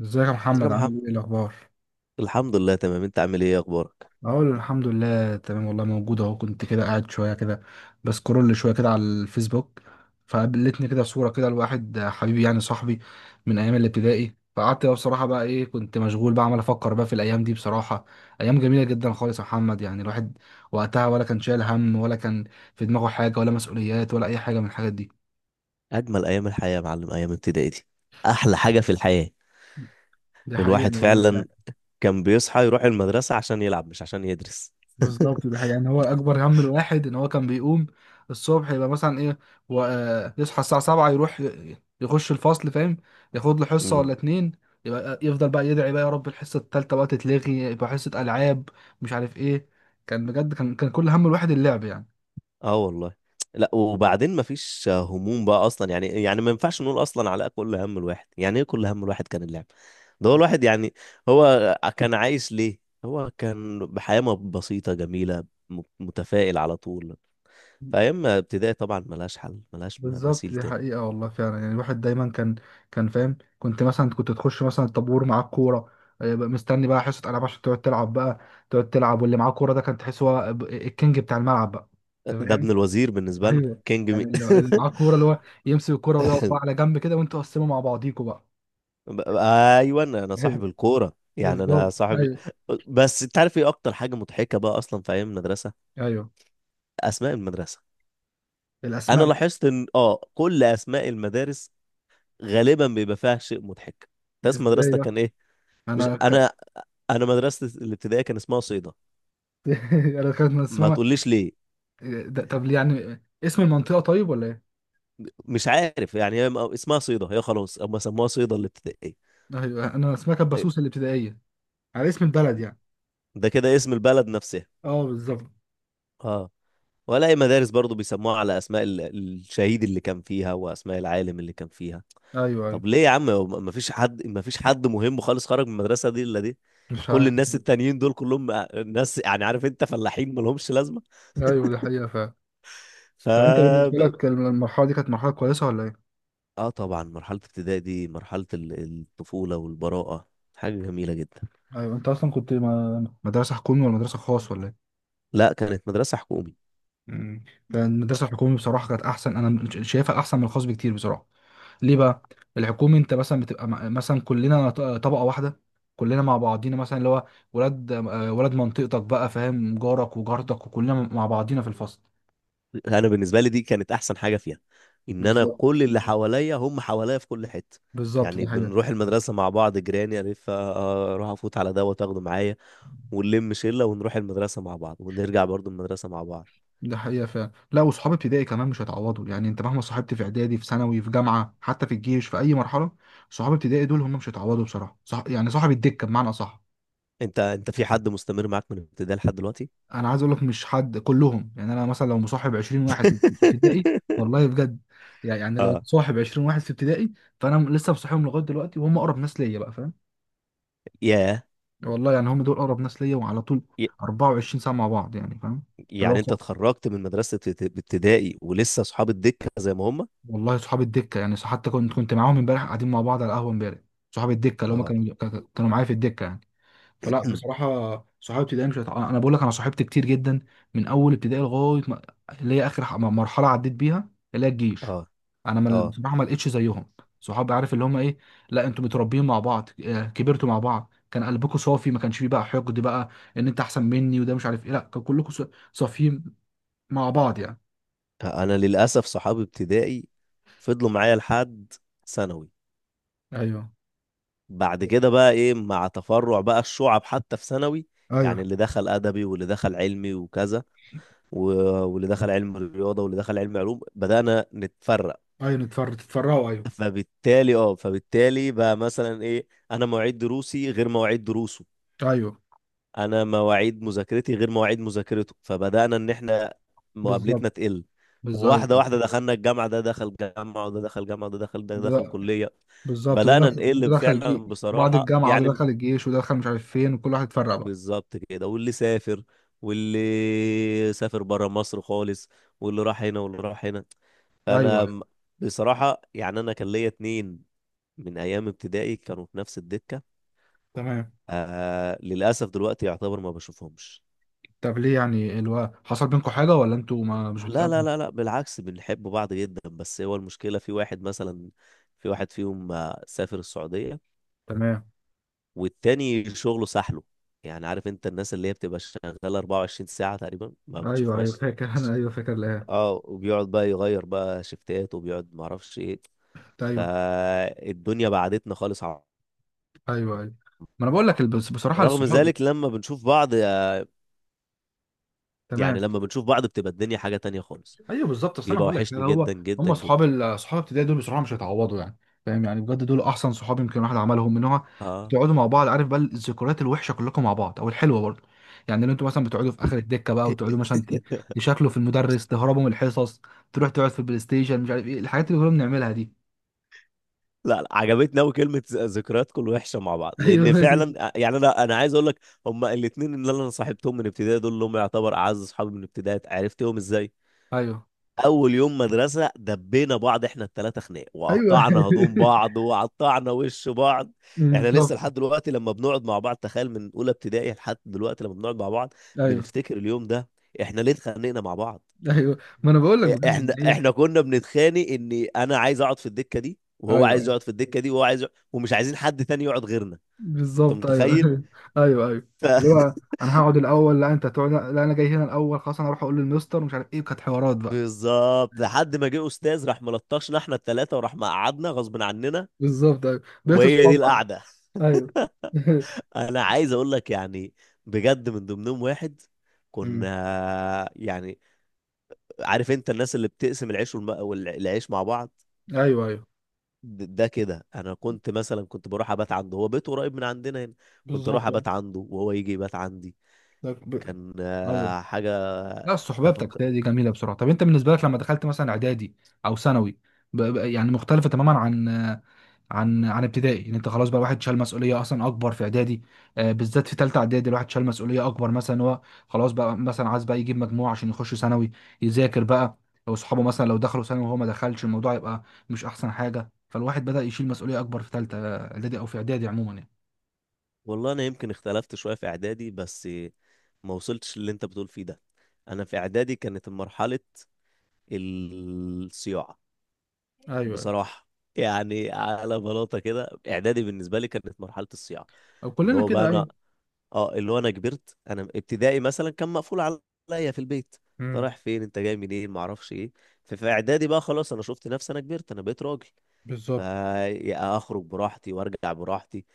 ازيك يا ازيك يا محمد، عامل محمد. ايه الاخبار؟ الحمد لله تمام، انت عامل ايه؟ اخبارك؟ اقول الحمد لله تمام والله، موجود اهو، كنت كده قاعد شويه كده بسكرول شويه كده على الفيسبوك، فقابلتني كده صوره كده لواحد حبيبي يعني صاحبي من ايام الابتدائي، فقعدت بقى بصراحه بقى ايه كنت مشغول بقى عمال افكر بقى في الايام دي بصراحه. ايام جميله جدا خالص يا محمد، يعني الواحد وقتها ولا كان شايل هم ولا كان في دماغه حاجه ولا مسؤوليات ولا اي حاجه من الحاجات دي. اجمل ايام الحياه يا معلم، ايام ابتدائي دي احلى حاجه في الحياه. دي حقيقه الواحد والله. فعلا كان بيصحى يروح المدرسه عشان يلعب مش عشان يدرس. بالظبط ده حقيقي. يعني هو اكبر هم الواحد ان هو كان بيقوم الصبح، يبقى مثلا ايه و... آه، يصحى الساعه 7 يروح يخش الفصل، فاهم، ياخد له حصه ولا امم اتنين، يبقى يفضل بقى يدعي بقى يا رب الحصه التالته بقى تتلغي يبقى حصه العاب، مش عارف ايه. كان بجد كان كل هم الواحد اللعب اه والله. لا وبعدين مفيش هموم بقى اصلا، يعني ما ينفعش نقول اصلا على كل هم الواحد، يعني ايه كل هم الواحد؟ كان اللعب. ده هو يعني. الواحد يعني، هو كان عايش ليه؟ هو كان بحياه بسيطه جميله، متفائل على طول. فايام ابتدائي طبعا ملهاش حل، ملهاش بالظبط مثيل دي تاني. حقيقة والله فعلا، يعني الواحد دايما كان فاهم، كنت مثلا تخش مثلا الطابور معاك كورة، بقى مستني بقى حصة ألعاب عشان تقعد تلعب بقى، تقعد تلعب واللي معاه كورة ده كان تحس هو الكينج بتاع الملعب بقى. أنت ده فاهم؟ ابن الوزير، بالنسبة لنا أيوه. كينج يعني مين؟ اللي معاه كورة اللي هو يمسك الكورة ويقف بقى على جنب كده وأنتوا قسموا مع بعضيكوا بقى. ب- ايوه انا ايوه، صاحب الكورة، يعني انا بالظبط. صاحب ايوه بس. انت عارف ايه اكتر حاجة مضحكة بقى اصلا في ايام المدرسة؟ ايوه اسماء المدرسة. انا الأسماء. لاحظت ان كل اسماء المدارس غالبا بيبقى فيها شيء مضحك. انت اسم إزاي مدرستك بقى؟ كان ايه؟ مش أنا ك... انا، انا مدرستي الابتدائية كان اسمها صيدا. أنا كانت من ما اسمها. تقوليش ليه. طب ليه يعني، اسم المنطقة طيب ولا إيه؟ مش عارف يعني، هي اسمها صيدا، هي خلاص هم سموها صيدا الابتدائية. ايوه، انا اسمها كانت إيه، بسوس الابتدائيه، على اسم البلد يعني. ده كده اسم البلد نفسها. اه بالظبط. اه، ولا اي مدارس برضو بيسموها على اسماء الشهيد اللي كان فيها واسماء العالم اللي كان فيها. ايوه ايوه. طب ليه يا عم؟ ما فيش حد مهم خالص خرج من المدرسه دي الا دي. مش كل عارف. الناس التانيين دول كلهم ناس، يعني عارف انت، فلاحين ما لهمش لازمه. ايوه دي حقيقه فعلا. ف طب انت بالنسبه لك المرحله دي كانت مرحله كويسه ولا ايه؟ اه طبعا مرحله ابتدائي دي مرحله الطفوله والبراءه، حاجه جميله جدا. ايوه. انت اصلا كنت ما... مدرسه حكومي ولا مدرسه خاص ولا ايه؟ لا كانت مدرسه حكومي. مم. كان المدرسه الحكومي بصراحه كانت احسن، انا شايفها احسن من الخاص بكتير بصراحه. ليه بقى؟ الحكومي انت مثلا بتبقى مثلا كلنا طبقه واحده، كلنا مع بعضينا مثلا اللي هو ولاد ولاد منطقتك بقى، فاهم، جارك وجارتك وكلنا مع بعضينا في الفصل. انا بالنسبه لي دي كانت احسن حاجه فيها، ان انا بالظبط. كل اللي حواليا هم حواليا في كل حته. بالظبط ده يعني حقيقة. بنروح المدرسه مع بعض، جيراني الف اروح افوت على ده واخده معايا ونلم شله ونروح المدرسه مع بعض، ونرجع برضو المدرسه مع بعض. ده حقيقة فعلا. لا وصحاب ابتدائي كمان مش هيتعوضوا يعني، انت مهما صاحبت في اعدادي في ثانوي في جامعة حتى في الجيش في اي مرحلة، صحاب ابتدائي دول هم مش هيتعوضوا بصراحة صح يعني، صاحب الدكة بمعنى صح. انت في حد مستمر معاك من ابتدائي لحد دلوقتي؟ انا عايز اقول لك مش حد كلهم، يعني انا مثلا لو مصاحب 20 واحد في ابتدائي. والله بجد. يعني لو اه. مصاحب 20 واحد في ابتدائي، فانا لسه مصاحبهم لغاية دلوقتي وهم اقرب ناس ليا بقى، فاهم، ياه. والله، يعني هم دول اقرب ناس ليا وعلى طول ي- 24 ساعة مع بعض يعني، فاهم. يعني انت اتخرجت من مدرسه ابتدائي ولسه اصحاب الدكه زي ما هم؟ والله صحاب الدكه، يعني حتى كنت معاهم امبارح قاعدين مع بعض على القهوه امبارح، صحاب الدكه اللي هم اه. كانوا معايا في الدكه يعني. فلا بصراحه صحابي ابتدائي مش هت- انا بقول لك انا صاحبت كتير جدا من اول ابتدائي لغايه ما... اللي هي اخر مرحله عديت بيها اللي هي الجيش. اه انا ما... اه بصراحه ما لقيتش زيهم، صحاب عارف اللي هم ايه، لا انتوا متربيين مع بعض كبرتوا مع بعض، كان قلبكم صافي ما كانش فيه بقى حقد بقى ان انت احسن مني وده مش عارف ايه، لا كان كلكم صافيين مع بعض يعني. انا للاسف صحابي ابتدائي فضلوا معايا لحد ثانوي. ايوه بعد كده بقى ايه، مع تفرع بقى الشعب حتى في ثانوي، يعني ايوه. اللي دخل ادبي واللي دخل علمي وكذا واللي دخل علم رياضه واللي دخل علم علوم، بدانا نتفرق. ايوه تتفرقوا ايوه. فبالتالي بقى مثلا ايه، انا مواعيد دروسي غير مواعيد دروسه، ايوه انا مواعيد مذاكرتي غير مواعيد مذاكرته، فبدأنا ان احنا بالظبط. مقابلتنا تقل. بالظبط واحدة أيوة. واحدة دخلنا الجامعة، ده دخل جامعة وده دخل جامعة وده دخل ده دخل ده- كلية، بالظبط بدأنا ده نقل دخل فعلا بعد بصراحة الجامعه ده يعني. دخل الجيش ودخل مش عارف فين وكل واحد اتفرق بقى. بالظبط كده، واللي سافر، واللي سافر برا مصر خالص، واللي راح هنا واللي راح هنا. ايوه فأنا ايوه. م- بصراحة يعني، أنا كان ليا اتنين من أيام ابتدائي كانوا في نفس الدكة. تمام. آه للأسف دلوقتي يعتبر ما بشوفهمش. طب ليه يعني حصل بينكم حاجه ولا انتوا ما مش لا لا بتتقابلوا؟ لا لا بالعكس بنحب بعض جدا، بس هو المشكلة في واحد مثلا، في واحد فيهم سافر السعودية، تمام. والتاني شغله سحله، يعني عارف انت الناس اللي هي بتبقى شغالة 24 ساعة تقريبا ما ايوه ايوه بتشوفهاش. فاكر. انا ايوه فاكر لها. اه، وبيقعد بقى يغير بقى شفتات، وبيقعد معرفش ايه. ايوه فالدنيا بعدتنا خالص عن ايوه. ايوه ما انا بقول بعض، لك بصراحه رغم الصحاب. ذلك لما بنشوف بعض، يعني تمام. لما بنشوف بعض بتبقى الدنيا حاجة تانية خالص، ايوه بالظبط اصل انا بيبقى هقول لك وحشني كده، هو جدا جدا هم صحاب جدا. صحاب الابتدائي دول بصراحه مش هيتعوضوا يعني، فاهم يعني بجد دول احسن صحاب يمكن الواحد عملهم، من هو اه. بتقعدوا مع بعض، عارف بقى الذكريات الوحشه كلكم مع بعض او الحلوه برضه، يعني لو انتوا مثلا بتقعدوا في اخر الدكه بقى وتقعدوا مثلا تشكلوا في المدرس، تهربوا من الحصص، تروح تقعد في البلاي ستيشن مش عارف ايه الحاجات اللي كنا بنعملها دي. لا لا، عجبتني قوي كلمه ذكرياتكم الوحشه مع بعض، لان ايوه فعلا يعني انا عايز اقول لك، هما الاثنين اللي انا صاحبتهم من ابتدائي دول اللي هم يعتبر اعز اصحابي من ابتدائي، عرفتهم ازاي؟ ايوه. اول يوم مدرسه دبينا بعض احنا الثلاثه خناق، ايوه وقطعنا هدوم بعض وقطعنا وش بعض. احنا لسه بالظبط. لحد دلوقتي لما بنقعد مع بعض، تخيل من اولى ابتدائي لحد دلوقتي لما بنقعد مع بعض ايوه بنفتكر اليوم ده، احنا ليه اتخانقنا مع بعض. ايوه. ايوه ما انا بقول لك بجد احنا ان هي. احنا كنا بنتخانق ان انا عايز اقعد في الدكه دي وهو عايز ايوه يقعد في الدكه دي وهو عايز يقعد ومش عايزين حد تاني يقعد غيرنا. انت بالظبط. ايوه متخيل؟ ايوه ايوه. ف... اللي هو انا هقعد الاول، لا انت تقعد، لا انا جاي هنا الاول، خلاص انا اروح اقول للمستر مش عارف ايه، كانت حوارات بقى. بالظبط لحد ما جه استاذ راح ملطشنا احنا الثلاثه وراح مقعدنا غصب عننا، بالظبط ايوه. بقيت وهي دي اصحاب بقى. القعده. ايوه انا عايز اقول لك يعني، بجد من ضمنهم واحد أمم. كنا يعني، عارف انت الناس اللي بتقسم العيش والعيش مع بعض، ايوه ايوه ده كده انا كنت مثلا كنت بروح ابات عنده، هو بيته قريب من عندنا هنا، كنت اروح بالظبط يعني. ابات عنده وهو يجي يبات عندي، ده ب- كان ايوه. حاجة. لا الصحبه بتاعت تفك... ابتدائي دي جميله، بسرعه طب انت بالنسبه لك لما دخلت مثلا اعدادي او ثانوي يعني مختلفه تماما عن عن ابتدائي، ان انت خلاص بقى واحد شال مسؤوليه اصلا اكبر في اعدادي، بالذات في ثالثه اعدادي الواحد شال مسؤوليه اكبر، مثلا هو خلاص بقى مثلا عايز بقى يجيب مجموع عشان يخش ثانوي يذاكر بقى، واصحابه مثلا لو دخلوا ثانوي وهو ما دخلش الموضوع يبقى مش احسن حاجه، فالواحد بدا يشيل مسؤوليه اكبر في ثالثه اعدادي او في اعدادي عموما يعني. والله أنا يمكن اختلفت شوية في إعدادي، بس ما وصلتش للي أنت بتقول فيه ده. أنا في إعدادي كانت مرحلة الصياعة ايوه ايوه. بصراحة، يعني على بلاطة كده إعدادي بالنسبة لي كانت مرحلة الصياعة. او اللي كلنا هو بقى كده أنا، ايوه. أه اللي هو أنا كبرت. أنا ابتدائي مثلا كان مقفول عليا في البيت، أنت امم رايح فين أنت جاي منين معرفش إيه. ففي إعدادي بقى خلاص أنا شفت نفسي أنا كبرت أنا بقيت راجل، بالظبط. فاخرج براحتي وارجع براحتي.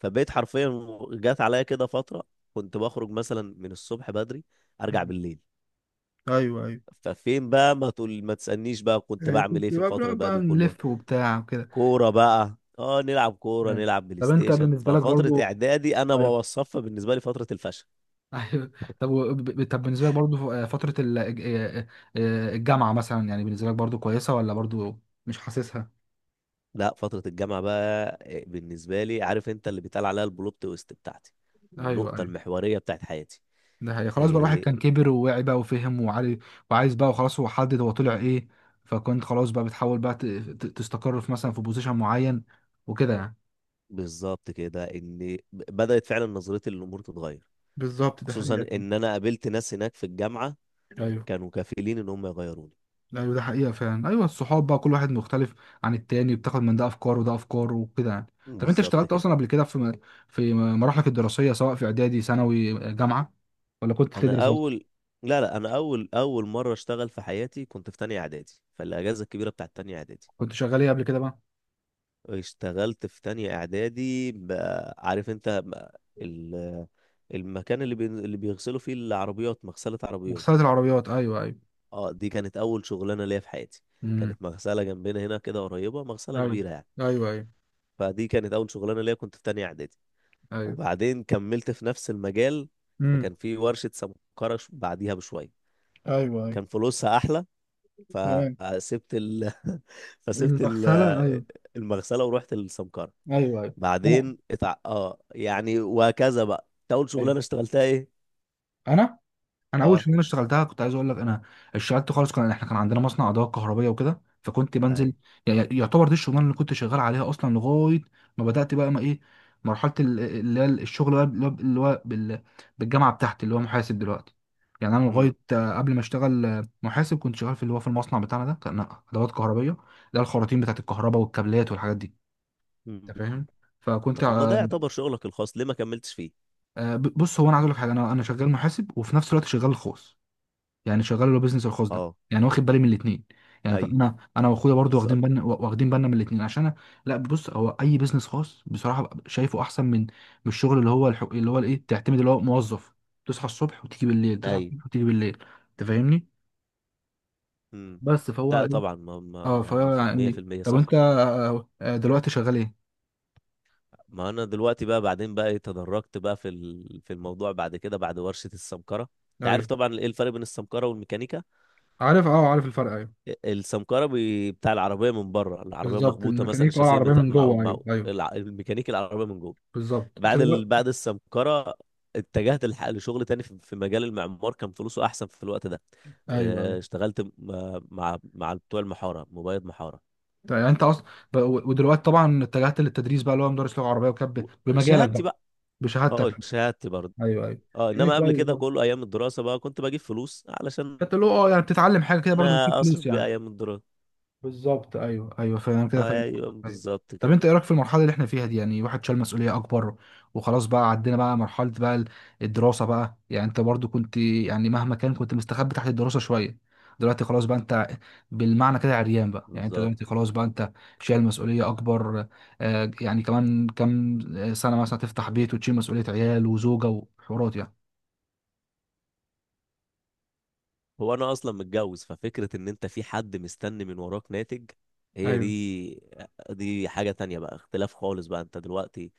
فبقيت حرفيا جات عليا كده فترة كنت بخرج مثلا من الصبح بدري، ارجع مم. بالليل. ايوه ايوه. ففين بقى، ما تقول ما تسألنيش بقى كنت بعمل ايه كنت في بقى الفترة بنقعد بقى بقى دي كلها؟ نلف وبتاع وكده. كورة بقى، اه نلعب كورة أيوة. نلعب بلاي طب انت ستيشن. بالنسبه لك ففترة برضو. اعدادي انا أيوة. بوصفها بالنسبة لي فترة الفشل. ايوه. طب طب بالنسبه لك برضو فتره الجامعه مثلا، يعني بالنسبه لك برضو كويسه ولا برضو مش حاسسها؟ لا فترة الجامعة بقى بالنسبة لي، عارف انت اللي بيتقال عليها البلوت تويست بتاعتي، ايوه النقطة ايوه. المحورية بتاعت حياتي. ده هي خلاص بقى الواحد إيه. كان كبر ووعي بقى وفهم وعارف وعايز بقى وخلاص هو حدد هو طلع ايه، فكنت خلاص بقى بتحاول بقى تستقر في مثلا في بوزيشن معين وكده يعني. بالظبط كده، ان بدأت فعلا نظرتي للامور تتغير، بالظبط ده خصوصا حقيقة. ان انا قابلت ناس هناك في الجامعه ايوه كانوا كفيلين ان هم يغيروني. ايوه. ده حقيقة فعلا ايوه. الصحاب بقى كل واحد مختلف عن التاني، بتاخد من ده افكار وده افكار وكده يعني. طب انت بالظبط اشتغلت كده. اصلا قبل كده في في مراحلك الدراسية سواء في اعدادي ثانوي جامعة، ولا كنت انا بتدرس بس؟ اول لا لا، انا اول مره اشتغل في حياتي كنت في تانية اعدادي، فالاجازه الكبيره بتاعت تانية اعدادي كنت شغال ايه قبل كده بقى؟ اشتغلت في تانية اعدادي بقى، عارف انت بقى المكان اللي بيغسلوا فيه العربيات، مغسله عربيات. مغسلة العربيات ايوه ايوه. اه دي كانت اول شغلانه ليا في حياتي. امم. كانت مغسله جنبنا هنا كده قريبه، مغسله ايوه كبيره يعني، ايوه. ايوه فدي كانت اول شغلانه ليا كنت في تانية اعدادي. ايوه. وبعدين كملت في نفس المجال، امم. فكان في ورشة سمكرة بعديها بشوية، ايوه ايوه. كان فلوسها أحلى، تمام. فسبت ال... فسبت المغسلة ايوه. المغسلة ورحت السمكرة. ايوه ايوه. انا بعدين اه يعني وهكذا بقى. إنت أول ايوه. شغلانة اشتغلتها إيه؟ انا انا اول اه. شغلانه اشتغلتها كنت عايز اقول لك، انا اشتغلت خالص كان احنا كان عندنا مصنع ادوات كهربائيه وكده فكنت بنزل، أي. يعتبر دي الشغلانه اللي كنت شغال عليها اصلا لغايه ما بدات بقى ما ايه، مرحله اللي هي الشغل بقى اللي هو بالجامعه بتاعتي اللي هو محاسب دلوقتي، يعني انا امم لغايه قبل ما اشتغل محاسب كنت شغال في اللي هو في المصنع بتاعنا ده، كان ادوات كهربائيه، ده الخراطيم بتاعت الكهرباء والكابلات والحاجات دي، أمم. انت فاهم، فكنت طب ما ده يعتبر شغلك الخاص، ليه ما كملتش فيه؟ بص هو انا عايز اقول لك حاجه، انا شغال محاسب وفي نفس الوقت شغال خوص، يعني شغال اللي هو بيزنس الخاص ده اه. يعني، واخد بالي من الاثنين يعني، أي. فانا واخويا برضو واخدين بالظبط. بالنا واخدين بالنا من الاثنين عشان لا بص، هو اي بيزنس خاص بصراحه ببقى شايفه احسن من الشغل اللي هو الحق اللي هو الايه تعتمد اللي هو موظف، تصحى الصبح وتيجي بالليل تصحى أي. الصبح وتيجي بالليل، انت فاهمني. امم بس فهو لا ايه، طبعا، ما ما اه ما فهو مفهوم. يعني، 100% طب صح. انت دلوقتي شغال ايه؟ ما انا دلوقتي بقى، بعدين بقى تدرجت بقى في في الموضوع بعد كده. بعد ورشة السمكرة، انت عارف ايوه. طبعا ايه الفرق بين السمكرة والميكانيكا. عارف، اه عارف الفرق ايوه. السمكرة بتاع العربية من بره، العربية بالظبط مخبوطة مثلا الميكانيكا اه الشاسيه العربيه مت... من مع... جوه مع... ايوه ايوه. الع... الميكانيكي العربية من جوه. بالظبط انت دلوقتي بعد السمكرة اتجهت لشغل تاني في في مجال المعمار، كان فلوسه احسن في الوقت ده. ايوه. اه، اشتغلت مع بتوع المحارة، مبيض محارة. طيب يعني انت اصلا ودلوقتي طبعا اتجهت للتدريس بقى اللي هو مدرس لغه عربيه وكان و- بمجالك شهادتي بقى، بقى. بشهادتك، اه شهادتي برضه. ايوه ايوه. اه يعني انما قبل كويس كده برضه، كله ايام الدراسه بقى كنت بجيب فلوس علشان فانت اللي هو اه يعني بتتعلم حاجه كده برضه بتجيب انا اصرف فلوس بيه يعني. ايام الدراسه. بالظبط ايوه ايوه فاهم كده، فاهم ايوه قصدك، ايوه. بالظبط طب كده. انت ايه رايك في المرحله اللي احنا فيها دي، يعني واحد شال مسؤوليه اكبر وخلاص بقى عدينا بقى مرحله بقى الدراسه بقى، يعني انت برضو كنت يعني مهما كان كنت مستخبي تحت الدراسه شويه، دلوقتي خلاص بقى انت بالمعنى كده عريان بقى، يعني انت بالظبط. دلوقتي خلاص بقى انت شايل مسؤوليه اكبر، يعني كمان كام سنه مثلا تفتح بيت وتشيل مسؤوليه عيال وزوجه وحوارات يعني. هو انا اصلا متجوز، ففكره ان انت في حد مستني من وراك ناتج، هي ايوه دي. دي حاجه تانية بقى، اختلاف خالص بقى، انت دلوقتي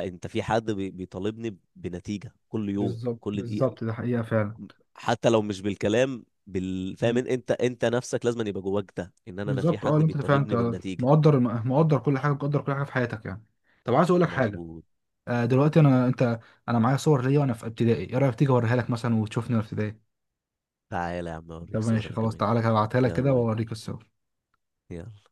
انت في حد بيطالبني بنتيجه كل يوم بالظبط. كل دقيقه، بالظبط ده حقيقة فعلا. حتى لو مش بالكلام. فاهم انت، انت نفسك لازم يبقى جواك ده ان انا في بالظبط اه، حد اللي انت فعلا بيطالبني انت بالنتيجه. مقدر، مقدر كل حاجه، مقدر كل حاجه في حياتك يعني. طب عايز اقول لك حاجه، مظبوط. دلوقتي انا انت، انا معايا صور ليا وانا في ابتدائي، ايه رايك تيجي اوريها لك مثلا وتشوفني وانا في ابتدائي؟ تعالى يا عم طب اوريك صور ماشي انا خلاص كمان. تعالى هبعتها لك كده يلا بينا. واوريك الصور. يلا.